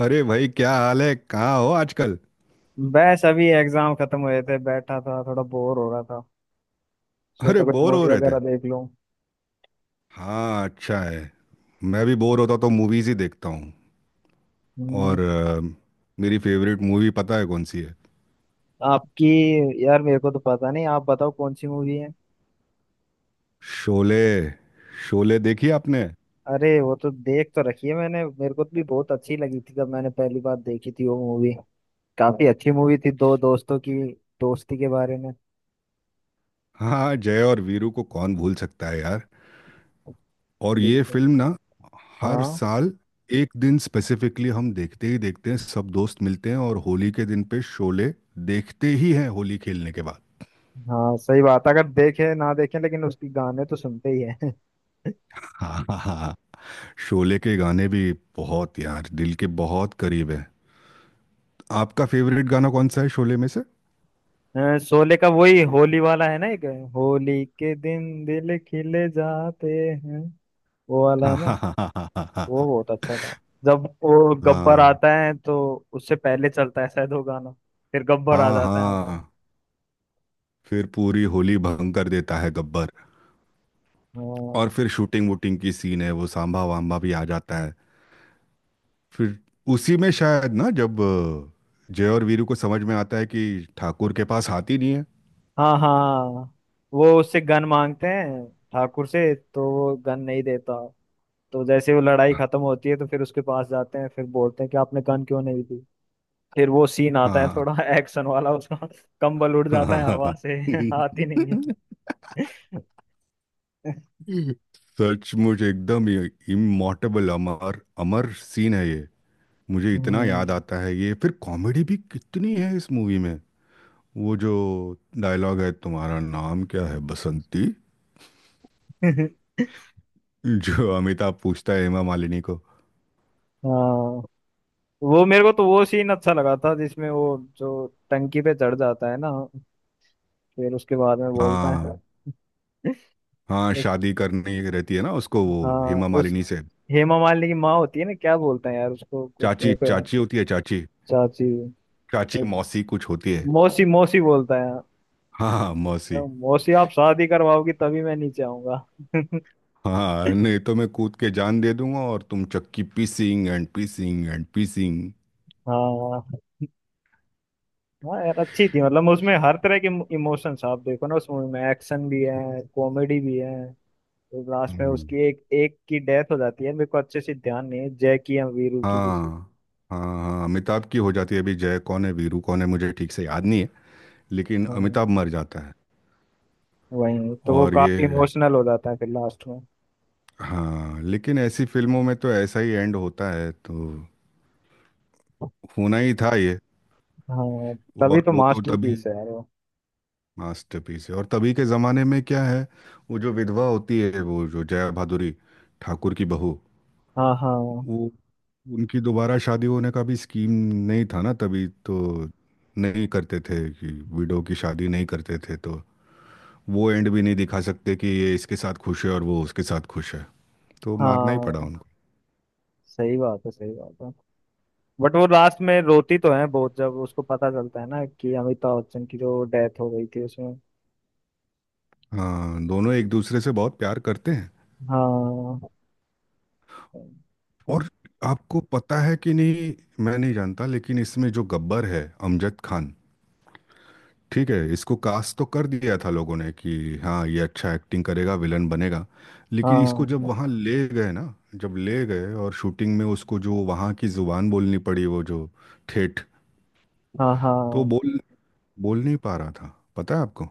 अरे भाई क्या हाल है कहाँ हो आजकल। बस अभी एग्जाम खत्म हुए थे, बैठा था, थोड़ा बोर हो रहा था। अरे सोचा कोई बोर हो मूवी रहे वगैरह थे। देख लूं। हाँ अच्छा है। मैं भी बोर होता तो मूवीज ही देखता हूँ। हम्म। और मेरी फेवरेट मूवी पता है कौन सी है। आपकी? यार, मेरे को तो पता नहीं, आप बताओ कौन सी मूवी है। शोले। शोले देखी आपने। अरे वो तो देख तो रखी है मैंने। मेरे को तो भी बहुत अच्छी लगी थी जब मैंने पहली बार देखी थी वो मूवी। काफी अच्छी मूवी थी, दो दोस्तों की दोस्ती के बारे में। हाँ जय और वीरू को कौन भूल सकता है यार। और ये बिल्कुल। फिल्म ना, हर हाँ। साल एक दिन स्पेसिफिकली हम देखते ही देखते हैं, सब दोस्त मिलते हैं और होली के दिन पे शोले देखते ही हैं होली खेलने के हाँ सही बात है, अगर देखे ना देखे लेकिन उसकी गाने तो सुनते ही है। बाद। शोले के गाने भी बहुत यार दिल के बहुत करीब है। आपका फेवरेट गाना कौन सा है शोले में से। हाँ, शोले का वही होली वाला है ना एक, होली के दिन दिल खिले जाते हैं। वो वाला हाँ है ना। हाँ हाँ हाँ वो हाँ। बहुत अच्छा था। जब वो गब्बर हाँ आता है तो उससे पहले चलता है शायद वो गाना, फिर गब्बर आ हाँ जाता है वहाँ। हाँ। फिर पूरी होली भंग कर देता है गब्बर। और फिर शूटिंग वूटिंग की सीन है, वो सांभा वाम्बा भी आ जाता है। फिर उसी में शायद ना, जब जय और वीरू को समझ में आता है कि ठाकुर के पास हाथी नहीं है। हाँ हाँ हाँ। वो उससे गन मांगते हैं ठाकुर से, तो वो गन नहीं देता। तो जैसे वो लड़ाई खत्म होती है तो फिर उसके पास जाते हैं, फिर बोलते हैं कि आपने गन क्यों नहीं दी। फिर वो सीन आता है हाँ। थोड़ा एक्शन वाला उसका। कंबल उड़ हाँ जाता हाँ है हाँ, हवा हाँ। से, आती नहीं है। सचमुच एकदम इमोर्टेबल अमर अमर सीन है ये। मुझे इतना हम्म। याद आता है ये। फिर कॉमेडी भी कितनी है इस मूवी में। वो जो डायलॉग है, तुम्हारा नाम क्या है बसंती। जो अमिताभ पूछता है हेमा मालिनी को। हाँ वो, मेरे को तो वो सीन अच्छा लगा था जिसमें वो जो टंकी पे चढ़ जाता है ना, फिर उसके बाद में बोलता है हाँ। हाँ उस, शादी करनी रहती है ना उसको, वो हाँ हेमा उस, मालिनी से। हेमा मालिनी की माँ होती है ना, क्या बोलता है यार उसको कुछ चाची मेरे को याद। चाची होती है चाची। चाची चाची मौसी कुछ होती है। मौसी, मौसी बोलता है। हाँ मौसी। मौसी आप शादी करवाओगी तभी मैं नीचे आऊंगा। हाँ नहीं तो मैं कूद के जान दे दूंगा, और तुम चक्की पीसिंग एंड पीसिंग एंड पीसिंग। हाँ। हाँ यार अच्छी थी, मतलब उसमें हर तरह के इमोशंस, आप देखो ना उस मूवी में, एक्शन भी है, कॉमेडी भी है। तो लास्ट में हम्म, उसकी एक एक की डेथ हो जाती है। मेरे को अच्छे से ध्यान नहीं है जय की या वीरू की किसी। हाँ। हाँ हाँ अमिताभ की हो जाती है, अभी जय कौन है वीरू कौन है मुझे ठीक से याद नहीं है। लेकिन हाँ अमिताभ मर जाता है। वही, तो वो और ये, काफी इमोशनल हो जाता है फिर लास्ट में। हाँ लेकिन ऐसी फिल्मों में तो ऐसा ही एंड होता है, तो होना ही था ये। हाँ, तभी और तो वो तो तभी मास्टरपीस है यार वो। मास्टरपीस है। और तभी के जमाने में क्या है, वो जो विधवा होती है, वो जो जया भादुरी, ठाकुर की बहू, हाँ हाँ वो उनकी दोबारा शादी होने का भी स्कीम नहीं था ना तभी तो। नहीं करते थे कि विडो की शादी नहीं करते थे, तो वो एंड भी नहीं दिखा सकते कि ये इसके साथ खुश है और वो उसके साथ खुश है। तो मारना ही पड़ा हाँ उनको। सही बात है, सही बात है। बट वो लास्ट में रोती तो है बहुत जब उसको पता चलता है ना कि अमिताभ बच्चन की जो डेथ हो गई थी उसमें। हाँ दोनों एक दूसरे से बहुत प्यार करते हैं। हाँ। और आपको पता है कि नहीं, मैं नहीं जानता, लेकिन इसमें जो गब्बर है अमजद खान, ठीक है इसको कास्ट तो कर दिया था लोगों ने कि हाँ ये अच्छा एक्टिंग करेगा विलन बनेगा। लेकिन इसको जब हाँ वहाँ ले गए ना, जब ले गए और शूटिंग में उसको जो वहाँ की जुबान बोलनी पड़ी, वो जो ठेठ, हाँ तो हाँ। बोल बोल नहीं पा रहा था। पता है आपको।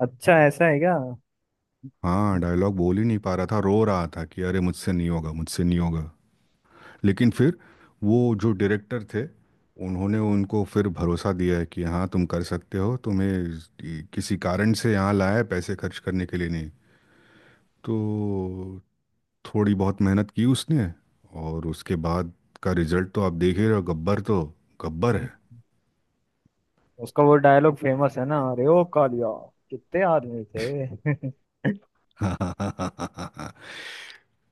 अच्छा ऐसा है क्या। हम्म। हाँ डायलॉग बोल ही नहीं पा रहा था, रो रहा था कि अरे मुझसे नहीं होगा मुझसे नहीं होगा। लेकिन फिर वो जो डायरेक्टर थे, उन्होंने उनको फिर भरोसा दिया है कि हाँ तुम कर सकते हो, तुम्हें किसी कारण से यहाँ लाया है पैसे खर्च करने के लिए नहीं। तो थोड़ी बहुत मेहनत की उसने, और उसके बाद का रिजल्ट तो आप देख ही रहे हो, गब्बर तो गब्बर है। उसका वो डायलॉग फेमस है ना, अरे ओ कालिया, कितने आदमी थे।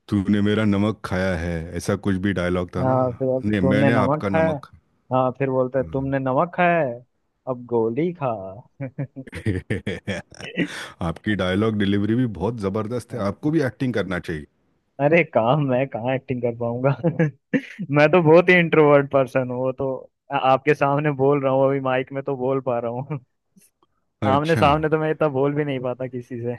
तूने मेरा नमक खाया है, ऐसा कुछ भी डायलॉग था ना। हाँ फिर, अब नहीं तुमने मैंने नमक आपका खाया। नमक। हाँ फिर बोलता है, हाँ। तुमने नमक खाया है, अब गोली खा। आपकी डायलॉग डिलीवरी भी बहुत ज़बरदस्त है, आपको हाँ, भी एक्टिंग करना चाहिए। अरे काम मैं कहाँ एक्टिंग कर पाऊंगा। मैं तो बहुत ही इंट्रोवर्ट पर्सन हूँ। वो तो आपके सामने बोल रहा हूँ अभी, माइक में तो बोल पा रहा हूँ। आमने अच्छा, सामने तो मैं इतना बोल भी नहीं पाता किसी से।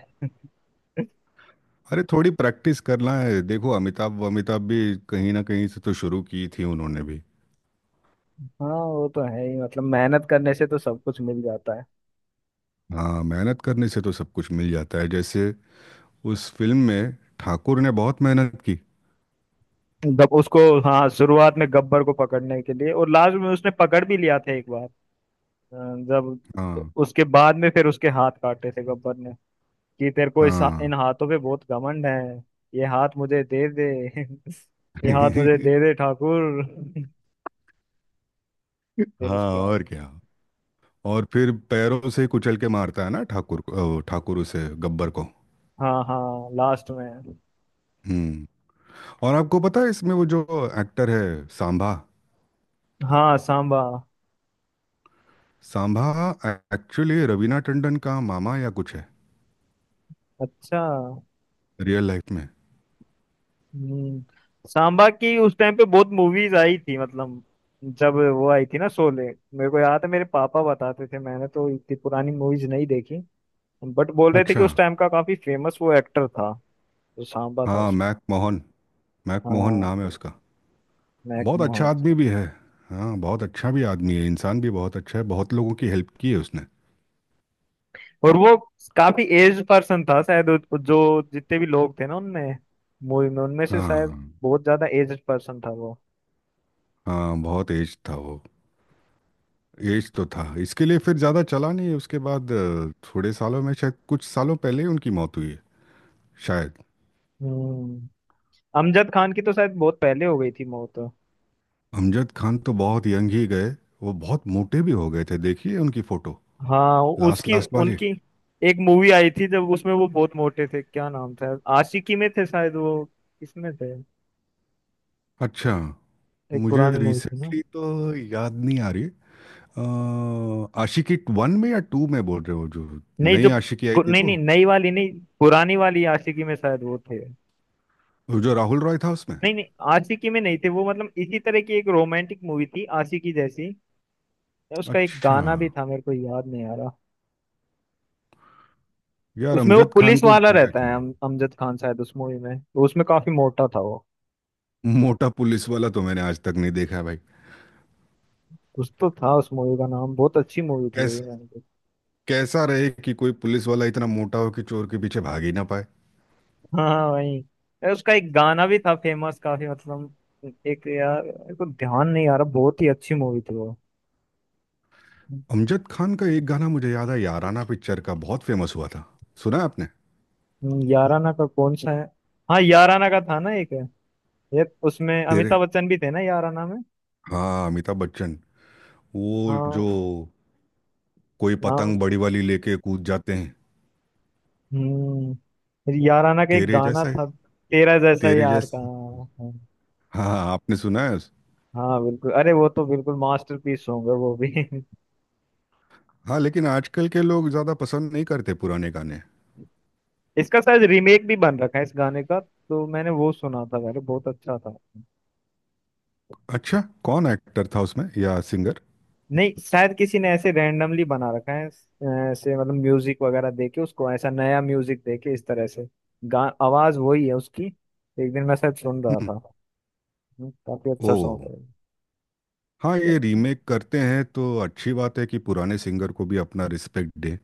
अरे थोड़ी प्रैक्टिस करना है, देखो अमिताभ अमिताभ भी कहीं ना कहीं से तो शुरू की थी उन्होंने भी। हाँ वो तो है ही, मतलब मेहनत करने से तो सब कुछ मिल जाता है। हाँ मेहनत करने से तो सब कुछ मिल जाता है, जैसे उस फिल्म में ठाकुर ने बहुत मेहनत की। गब उसको, हाँ शुरुआत में गब्बर को पकड़ने के लिए, और लास्ट में उसने पकड़ भी लिया था एक बार। अ, जब हाँ उसके बाद में फिर उसके हाथ काटे थे गब्बर ने, कि तेरे को इस हाँ। इन हाथों पे बहुत घमंड है, ये हाथ मुझे दे दे। ये हाथ मुझे दे दे ठाकुर। फिर हाँ उसके बाद, और क्या, और फिर पैरों से कुचल के मारता है ना ठाकुर को, ठाकुर उसे, गब्बर को। हाँ हाँ लास्ट में। हम्म। और आपको पता है इसमें वो जो एक्टर है सांभा, हाँ सांबा। सांभा एक्चुअली रवीना टंडन का मामा या कुछ है अच्छा। रियल लाइफ में। हम्म, सांबा की उस टाइम पे बहुत मूवीज आई थी, मतलब जब वो आई थी ना शोले। मेरे को याद है, मेरे पापा बताते थे, मैंने तो इतनी पुरानी मूवीज नहीं देखी, बट बोल रहे थे कि अच्छा, उस टाइम का काफी फेमस वो एक्टर था जो सांबा था हाँ उस। मैक मोहन। मैक मोहन नाम है हाँ उसका। मैक बहुत अच्छा मोहन। आदमी भी है। हाँ बहुत अच्छा भी आदमी है, इंसान भी बहुत अच्छा है, बहुत लोगों की हेल्प की है उसने। और वो काफी एज पर्सन था शायद जो जितने भी लोग थे ना उनमें, मूवी में, उनमें से हाँ शायद बहुत ज्यादा एज पर्सन था वो। हाँ बहुत एज था वो। एज तो था, इसके लिए फिर ज़्यादा चला नहीं उसके बाद। थोड़े सालों में, शायद कुछ सालों पहले ही उनकी मौत हुई है शायद। हम्म। अमजद खान की तो शायद बहुत पहले हो गई थी मौत। अमजद खान तो बहुत यंग ही गए। वो बहुत मोटे भी हो गए थे, देखिए उनकी फ़ोटो हाँ। लास्ट उसकी लास्ट वाली। उनकी एक मूवी आई थी जब उसमें वो बहुत मोटे थे, क्या नाम था, आशिकी में थे शायद, वो किसमें थे, अच्छा, एक मुझे पुरानी मूवी थी ना। रिसेंटली तो याद नहीं आ रही। आशिकी वन में या टू में बोल रहे हो, जो नहीं नई जो आशिकी आई पु- थी, नहीं नहीं वो नई वाली नहीं, पुरानी वाली आशिकी में शायद वो थे। जो राहुल रॉय था उसमें। नहीं नहीं, आशिकी में नहीं थे वो, मतलब इसी तरह की एक रोमांटिक मूवी थी आशिकी जैसी। उसका एक अच्छा, गाना भी था, मेरे को याद नहीं आ रहा। यार उसमें वो अमजद खान पुलिस को वाला जीना रहता है, चाहिए। अमजद खान शायद उस मूवी में, तो उसमें काफी मोटा था वो। मोटा पुलिस वाला तो मैंने आज तक नहीं देखा है भाई। कुछ तो था उस मूवी का नाम, बहुत अच्छी मूवी थी वो। कैस, कैसा रहे कि कोई पुलिस वाला इतना मोटा हो कि चोर के पीछे भाग ही ना पाए। हाँ वही। अरे उसका एक गाना भी था फेमस काफी, मतलब एक, यार मेरे को ध्यान नहीं आ रहा, बहुत ही अच्छी मूवी थी वो। अमजद खान का एक गाना मुझे याद है, याराना पिक्चर का, बहुत फेमस हुआ था। सुना है आपने। याराना का कौन सा है। हाँ याराना का था ना एक, ये उसमें तेरे, अमिताभ बच्चन भी थे ना याराना में। हाँ अमिताभ बच्चन, वो जो हाँ। कोई नाम। पतंग बड़ी वाली लेके कूद जाते हैं। हम्म। फिर याराना का एक तेरे गाना जैसा है, था, तेरा जैसा तेरे यार का, जैसा। हाँ। हाँ हाँ, आपने सुना है उस। हाँ, बिल्कुल, अरे वो तो बिल्कुल मास्टरपीस होंगे वो भी। हाँ लेकिन आजकल के लोग ज्यादा पसंद नहीं करते पुराने गाने। इसका शायद रीमेक भी बन रखा है इस गाने का, तो मैंने वो सुना था, अरे बहुत अच्छा था। अच्छा कौन एक्टर था उसमें या सिंगर। नहीं शायद किसी ने ऐसे रैंडमली बना रखा है, ऐसे मतलब म्यूजिक वगैरह दे के उसको, ऐसा नया म्यूजिक दे के इस तरह से गा, आवाज वही है उसकी। एक दिन मैं शायद सुन रहा हम्म। था। काफी ओ, अच्छा सॉन्ग है। हाँ ये रीमेक करते हैं तो अच्छी बात है कि पुराने सिंगर को भी अपना रिस्पेक्ट दे,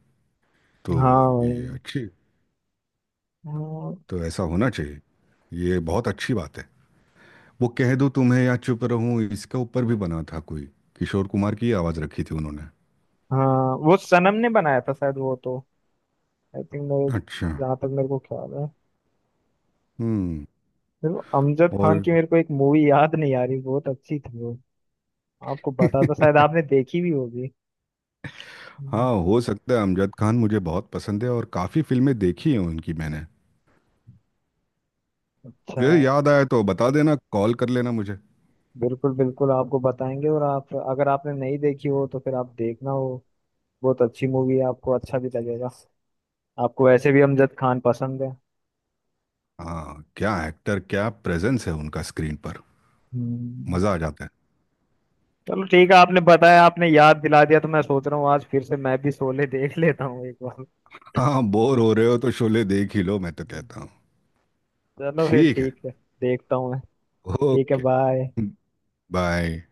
तो हाँ वही। ये अच्छी, हाँ तो ऐसा होना चाहिए, ये बहुत अच्छी बात है। वो कह दो तुम्हें या चुप रहूं, इसके ऊपर भी बना था कोई, किशोर कुमार की आवाज़ रखी थी उन्होंने। हाँ, वो सनम ने बनाया था शायद वो तो, आई थिंक मेरे, अच्छा। जहाँ तक मेरे को ख्याल है। हम्म। फिर वो अमजद खान और की मेरे को एक मूवी याद नहीं आ रही, बहुत अच्छी थी वो। आपको पता था शायद, आपने देखी भी होगी। हम्म। हाँ हो सकता है, अमजद खान मुझे बहुत पसंद है और काफ़ी फिल्में देखी हैं उनकी मैंने। अच्छा। ये याद आया तो बता देना, कॉल कर लेना मुझे। बिल्कुल बिल्कुल, आपको बताएंगे। और आप, अगर आपने नहीं देखी हो तो फिर आप देखना हो, बहुत अच्छी मूवी है, आपको अच्छा भी लगेगा, आपको वैसे भी अमजद खान पसंद है। हाँ क्या एक्टर, क्या प्रेजेंस है उनका स्क्रीन पर, हम्म। मज़ा आ जाता है। चलो ठीक है, आपने बताया, आपने याद दिला दिया, तो मैं सोच रहा हूँ आज फिर से मैं भी शोले देख लेता हूँ एक बार। हाँ बोर हो रहे हो तो शोले देख ही लो मैं तो हम्म। कहता हूँ। चलो फिर ठीक है। ठीक है, देखता हूँ मैं। ठीक है, ओके, बाय। बाय।